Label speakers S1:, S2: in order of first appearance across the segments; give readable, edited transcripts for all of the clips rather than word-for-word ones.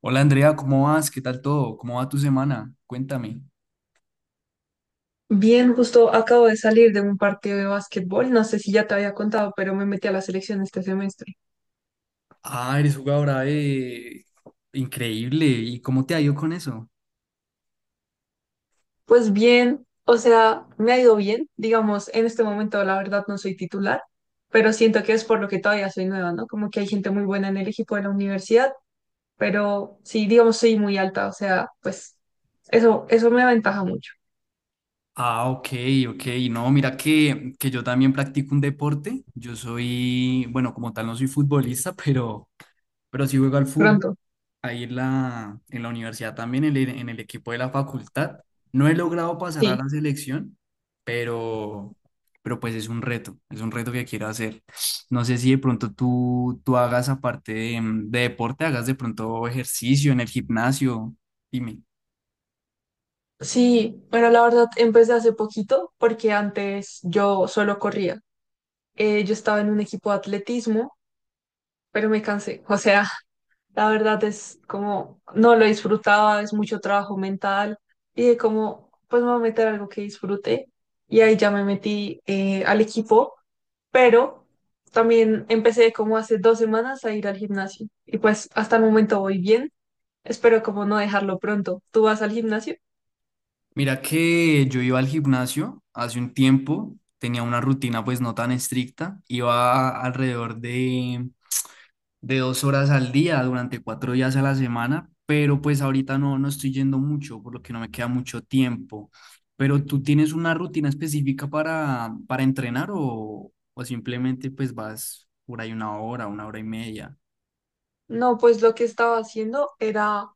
S1: Hola Andrea, ¿cómo vas? ¿Qué tal todo? ¿Cómo va tu semana? Cuéntame.
S2: Bien, justo acabo de salir de un partido de básquetbol, no sé si ya te había contado, pero me metí a la selección este semestre.
S1: Ah, eres jugadora de... Increíble. ¿Y cómo te ha ido con eso?
S2: Pues bien, o sea, me ha ido bien, digamos, en este momento la verdad no soy titular, pero siento que es por lo que todavía soy nueva, ¿no? Como que hay gente muy buena en el equipo de la universidad, pero sí, digamos, soy muy alta, o sea, pues eso me aventaja mucho.
S1: Ah, ok, ok. No, mira que yo también practico un deporte. Yo soy, bueno, como tal no soy futbolista, pero sí juego al fútbol.
S2: Pronto.
S1: Ahí en la universidad también, en el equipo de la facultad. No he logrado pasar a
S2: Sí.
S1: la selección, pero, pero pues es un reto que quiero hacer. No sé si de pronto tú hagas aparte de deporte, hagas de pronto ejercicio en el gimnasio. Dime.
S2: Sí, pero la verdad empecé hace poquito porque antes yo solo corría. Yo estaba en un equipo de atletismo pero me cansé. O sea, la verdad es como, no lo disfrutaba, es mucho trabajo mental. Y de como, pues me voy a meter algo que disfrute. Y ahí ya me metí al equipo, pero también empecé como hace 2 semanas a ir al gimnasio. Y pues hasta el momento voy bien. Espero como no dejarlo pronto. ¿Tú vas al gimnasio?
S1: Mira que yo iba al gimnasio hace un tiempo, tenía una rutina pues no tan estricta, iba alrededor de dos horas al día durante cuatro días a la semana, pero pues ahorita no, no estoy yendo mucho, por lo que no me queda mucho tiempo. Pero tú tienes una rutina específica para entrenar o simplemente pues vas por ahí una hora y media.
S2: No, pues lo que estaba haciendo era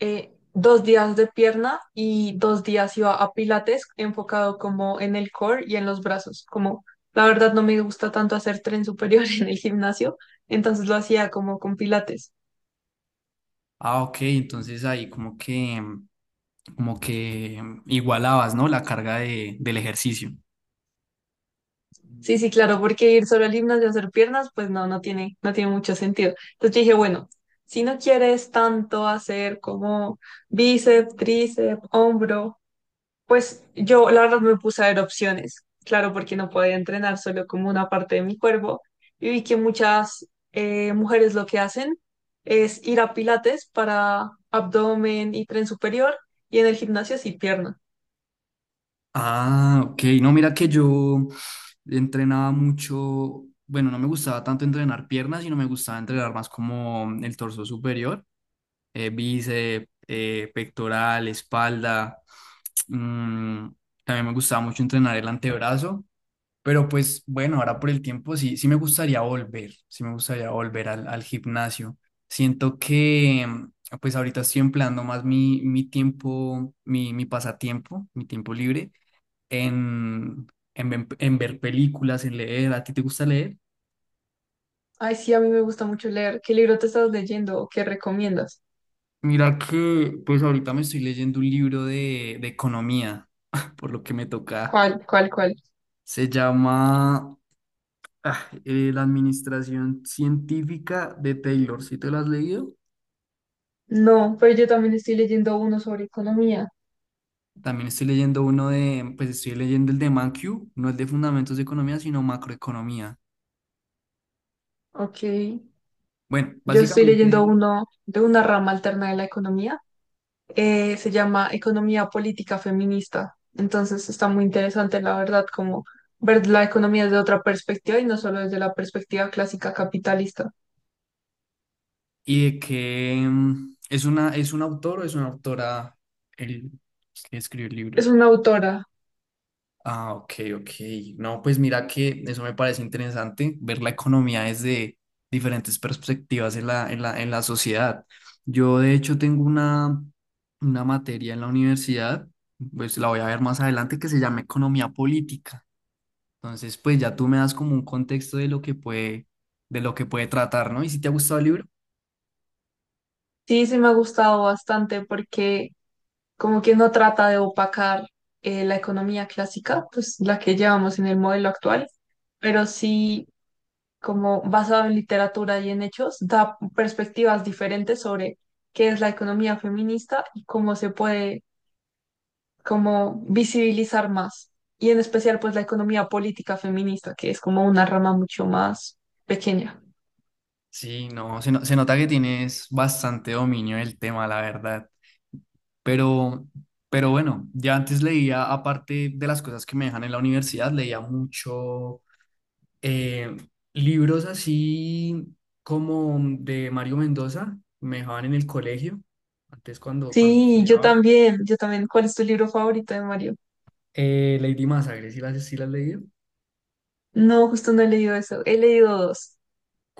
S2: 2 días de pierna y 2 días iba a pilates enfocado como en el core y en los brazos. Como la verdad no me gusta tanto hacer tren superior en el gimnasio, entonces lo hacía como con pilates.
S1: Ah, ok, entonces ahí como que igualabas, ¿no? La carga del ejercicio.
S2: Sí, sí, claro, porque ir solo al gimnasio a hacer piernas, pues no, no tiene mucho sentido. Entonces yo dije, bueno, si no quieres tanto hacer como bíceps, tríceps, hombro, pues yo, la verdad, me puse a ver opciones, claro, porque no podía entrenar solo como una parte de mi cuerpo. Y vi que muchas mujeres lo que hacen es ir a pilates para abdomen y tren superior, y en el gimnasio sí pierna.
S1: Ah, ok. No, mira que yo entrenaba mucho, bueno, no me gustaba tanto entrenar piernas, sino me gustaba entrenar más como el torso superior, bíceps, pectoral, espalda. Mm, También me gustaba mucho entrenar el antebrazo, pero pues bueno, ahora por el tiempo sí, sí me gustaría volver, sí me gustaría volver al gimnasio. Siento que pues ahorita estoy empleando más mi tiempo, mi pasatiempo, mi tiempo libre en, en ver películas, en leer. ¿A ti te gusta leer?
S2: Ay, sí, a mí me gusta mucho leer. ¿Qué libro te estás leyendo o qué recomiendas?
S1: Mira que pues ahorita me estoy leyendo un libro de economía, por lo que me toca.
S2: ¿Cuál, cuál, cuál?
S1: Se llama La Administración Científica de Taylor. ¿Sí te lo has leído?
S2: No, pero yo también estoy leyendo uno sobre economía.
S1: También estoy leyendo uno de, pues estoy leyendo el de ManQ, no el de Fundamentos de Economía, sino Macroeconomía.
S2: Ok,
S1: Bueno,
S2: yo estoy leyendo
S1: básicamente,
S2: uno de una rama alterna de la economía se llama Economía Política Feminista. Entonces está muy interesante, la verdad, como ver la economía desde otra perspectiva y no solo desde la perspectiva clásica capitalista.
S1: y de que es una, es un autor o es una autora el que escribió el libro.
S2: Es una autora.
S1: Ah, ok, ok. No, pues mira que eso me parece interesante, ver la economía desde diferentes perspectivas en la sociedad. Yo de hecho tengo una materia en la universidad, pues la voy a ver más adelante, que se llama economía política. Entonces, pues ya tú me das como un contexto de lo que puede, de lo que puede tratar, ¿no? ¿Y si te ha gustado el libro?
S2: Sí, sí me ha gustado bastante porque como que no trata de opacar la economía clásica, pues la que llevamos en el modelo actual, pero sí como basado en literatura y en hechos, da perspectivas diferentes sobre qué es la economía feminista y cómo se puede como visibilizar más. Y en especial, pues, la economía política feminista, que es como una rama mucho más pequeña.
S1: Sí, no, se nota que tienes bastante dominio del tema, la verdad. Pero, pero bueno, ya antes leía, aparte de las cosas que me dejan en la universidad, leía mucho eh, libros así como de Mario Mendoza, me dejaban en el colegio, antes cuando
S2: Sí, yo
S1: estudiaba.
S2: también, yo también. ¿Cuál es tu libro favorito de Mario?
S1: Lady Masacre, ¿sí las leí?
S2: No, justo no he leído eso. He leído dos.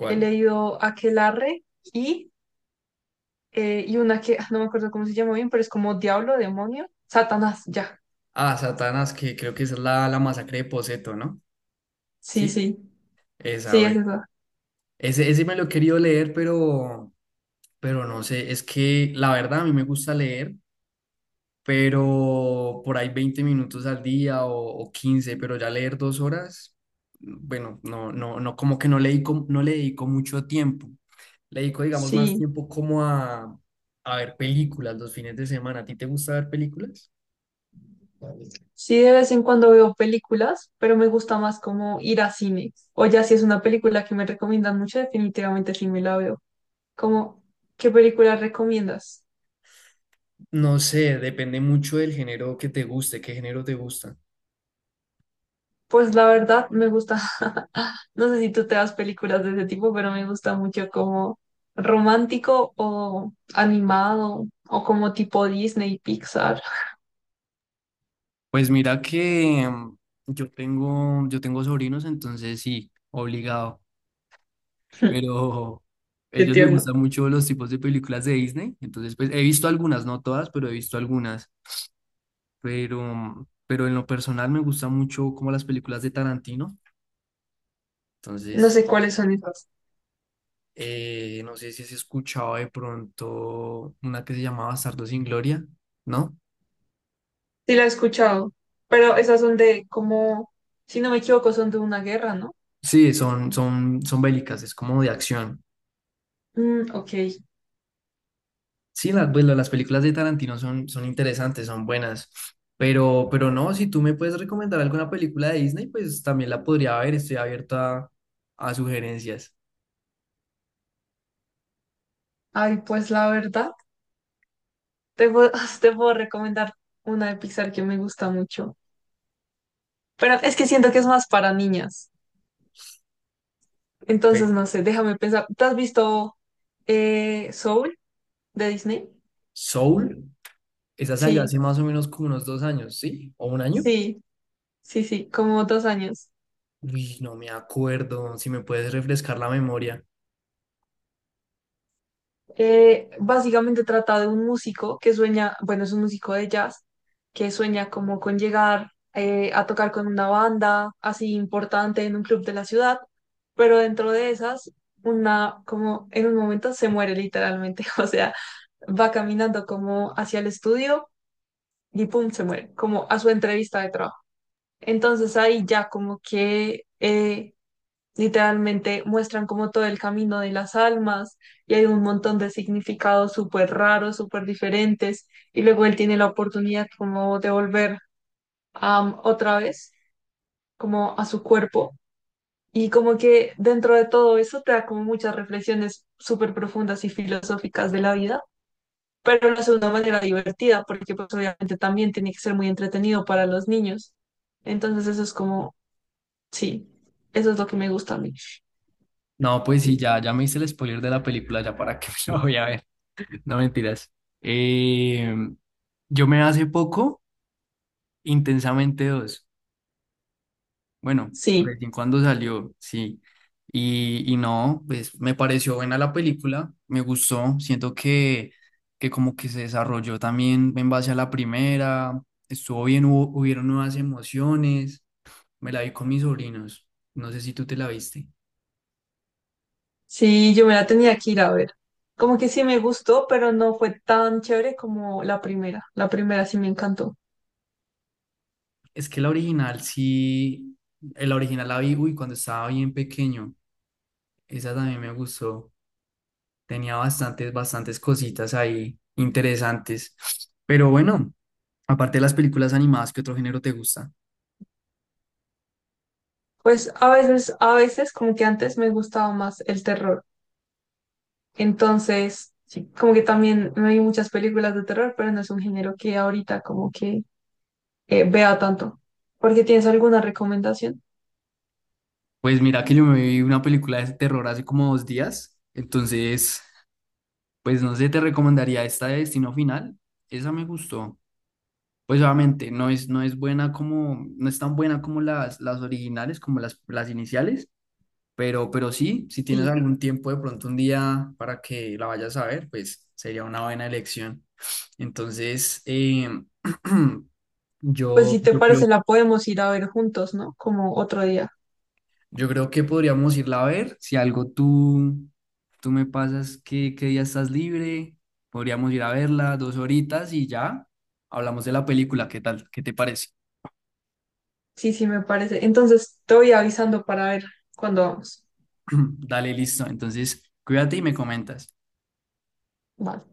S2: He leído Aquelarre y, y una que no me acuerdo cómo se llama bien, pero es como Diablo, Demonio, Satanás, ya.
S1: Ah, Satanás, que creo que esa es la masacre de Poseto, ¿no?
S2: Sí,
S1: Sí,
S2: sí,
S1: esa,
S2: sí, es
S1: bueno.
S2: esa.
S1: Ese me lo he querido leer, pero no sé, es que la verdad a mí me gusta leer pero por ahí 20 minutos al día o 15, pero ya leer dos horas, bueno, no, no, no, como que no le dedico, no le dedico mucho tiempo. Le dedico, digamos, más
S2: Sí.
S1: tiempo como a ver películas los fines de semana. ¿A ti te gusta ver películas?
S2: Sí, de vez en cuando veo películas, pero me gusta más como ir a cine. O ya si es una película que me recomiendan mucho, definitivamente sí me la veo. Como, ¿qué película recomiendas?
S1: No sé, depende mucho del género que te guste, qué género te gusta.
S2: Pues la verdad me gusta, no sé si tú te das películas de ese tipo, pero me gusta mucho como romántico o animado o como tipo Disney, Pixar.
S1: Pues mira que yo tengo sobrinos, entonces sí, obligado. Pero a
S2: Qué
S1: ellos les
S2: tierno.
S1: gustan mucho los tipos de películas de Disney, entonces pues he visto algunas, no todas, pero he visto algunas, pero en lo personal me gusta mucho como las películas de Tarantino,
S2: No
S1: entonces
S2: sé cuáles son esas.
S1: no sé si has escuchado de pronto una que se llamaba Bastardos sin Gloria, ¿no?
S2: Sí la he escuchado, pero esas son de como, si no me equivoco, son de una guerra, ¿no?
S1: Sí, son bélicas, es como de acción.
S2: Mm, ok.
S1: Sí, las, pues, las películas de Tarantino son, son interesantes, son buenas, pero no, si tú me puedes recomendar alguna película de Disney, pues también la podría ver, estoy abierto a sugerencias.
S2: Ay, pues la verdad, te puedo, te puedo recomendar una de Pixar que me gusta mucho. Pero es que siento que es más para niñas. Entonces,
S1: Ve,
S2: no sé, déjame pensar. ¿Te has visto Soul de Disney?
S1: Soul, esa salió
S2: Sí,
S1: hace más o menos como unos dos años, ¿sí? ¿O un año?
S2: sí, sí, sí, como 2 años.
S1: Uy, no me acuerdo, si me puedes refrescar la memoria.
S2: Básicamente trata de un músico que sueña, bueno, es un músico de jazz, que sueña como con llegar a tocar con una banda así importante en un club de la ciudad, pero dentro de esas, una, como en un momento se muere literalmente, o sea, va caminando como hacia el estudio y pum, se muere, como a su entrevista de trabajo. Entonces ahí ya como que literalmente muestran como todo el camino de las almas y hay un montón de significados súper raros, súper diferentes y luego él tiene la oportunidad como de volver otra vez como a su cuerpo y como que dentro de todo eso te da como muchas reflexiones súper profundas y filosóficas de la vida, pero lo hace de una manera divertida porque pues obviamente también tiene que ser muy entretenido para los niños. Entonces eso es como, sí, eso es lo que me gusta a mí.
S1: No, pues sí, ya, ya me hice el spoiler de la película, ya para que me la voy a ver, no mentiras. Eh, yo me hace poco, Intensamente dos. Bueno,
S2: Sí.
S1: recién cuando salió, sí. Y no, pues me pareció buena la película, me gustó, siento que como que se desarrolló también en base a la primera, estuvo bien, hubo, hubieron nuevas emociones, me la vi con mis sobrinos, no sé si tú te la viste.
S2: Sí, yo me la tenía que ir a ver. Como que sí me gustó, pero no fue tan chévere como la primera. La primera sí me encantó.
S1: Es que la original sí, la original la vi, uy, cuando estaba bien pequeño, esa también me gustó. Tenía bastantes, bastantes cositas ahí interesantes. Pero bueno, aparte de las películas animadas, ¿qué otro género te gusta?
S2: Pues a veces como que antes me gustaba más el terror. Entonces, sí, como que también me vi muchas películas de terror, pero no es un género que ahorita como que vea tanto. ¿Porque tienes alguna recomendación?
S1: Pues mira que yo me vi una película de terror hace como dos días. Entonces, pues no sé, te recomendaría esta de Destino Final. Esa me gustó. Pues obviamente no es, no es buena como, no es tan buena como las originales, como las iniciales, pero sí, si tienes
S2: Sí.
S1: algún tiempo de pronto un día para que la vayas a ver, pues sería una buena elección. Entonces,
S2: Pues
S1: yo,
S2: si te
S1: yo creo,
S2: parece, la podemos ir a ver juntos, ¿no? Como otro día.
S1: yo creo que podríamos irla a ver. Si algo tú me pasas que, qué día estás libre, podríamos ir a verla dos horitas y ya hablamos de la película. ¿Qué tal? ¿Qué te parece?
S2: Sí, sí, me parece. Entonces, te voy avisando para ver cuándo vamos.
S1: Dale, listo. Entonces, cuídate y me comentas.
S2: Vale.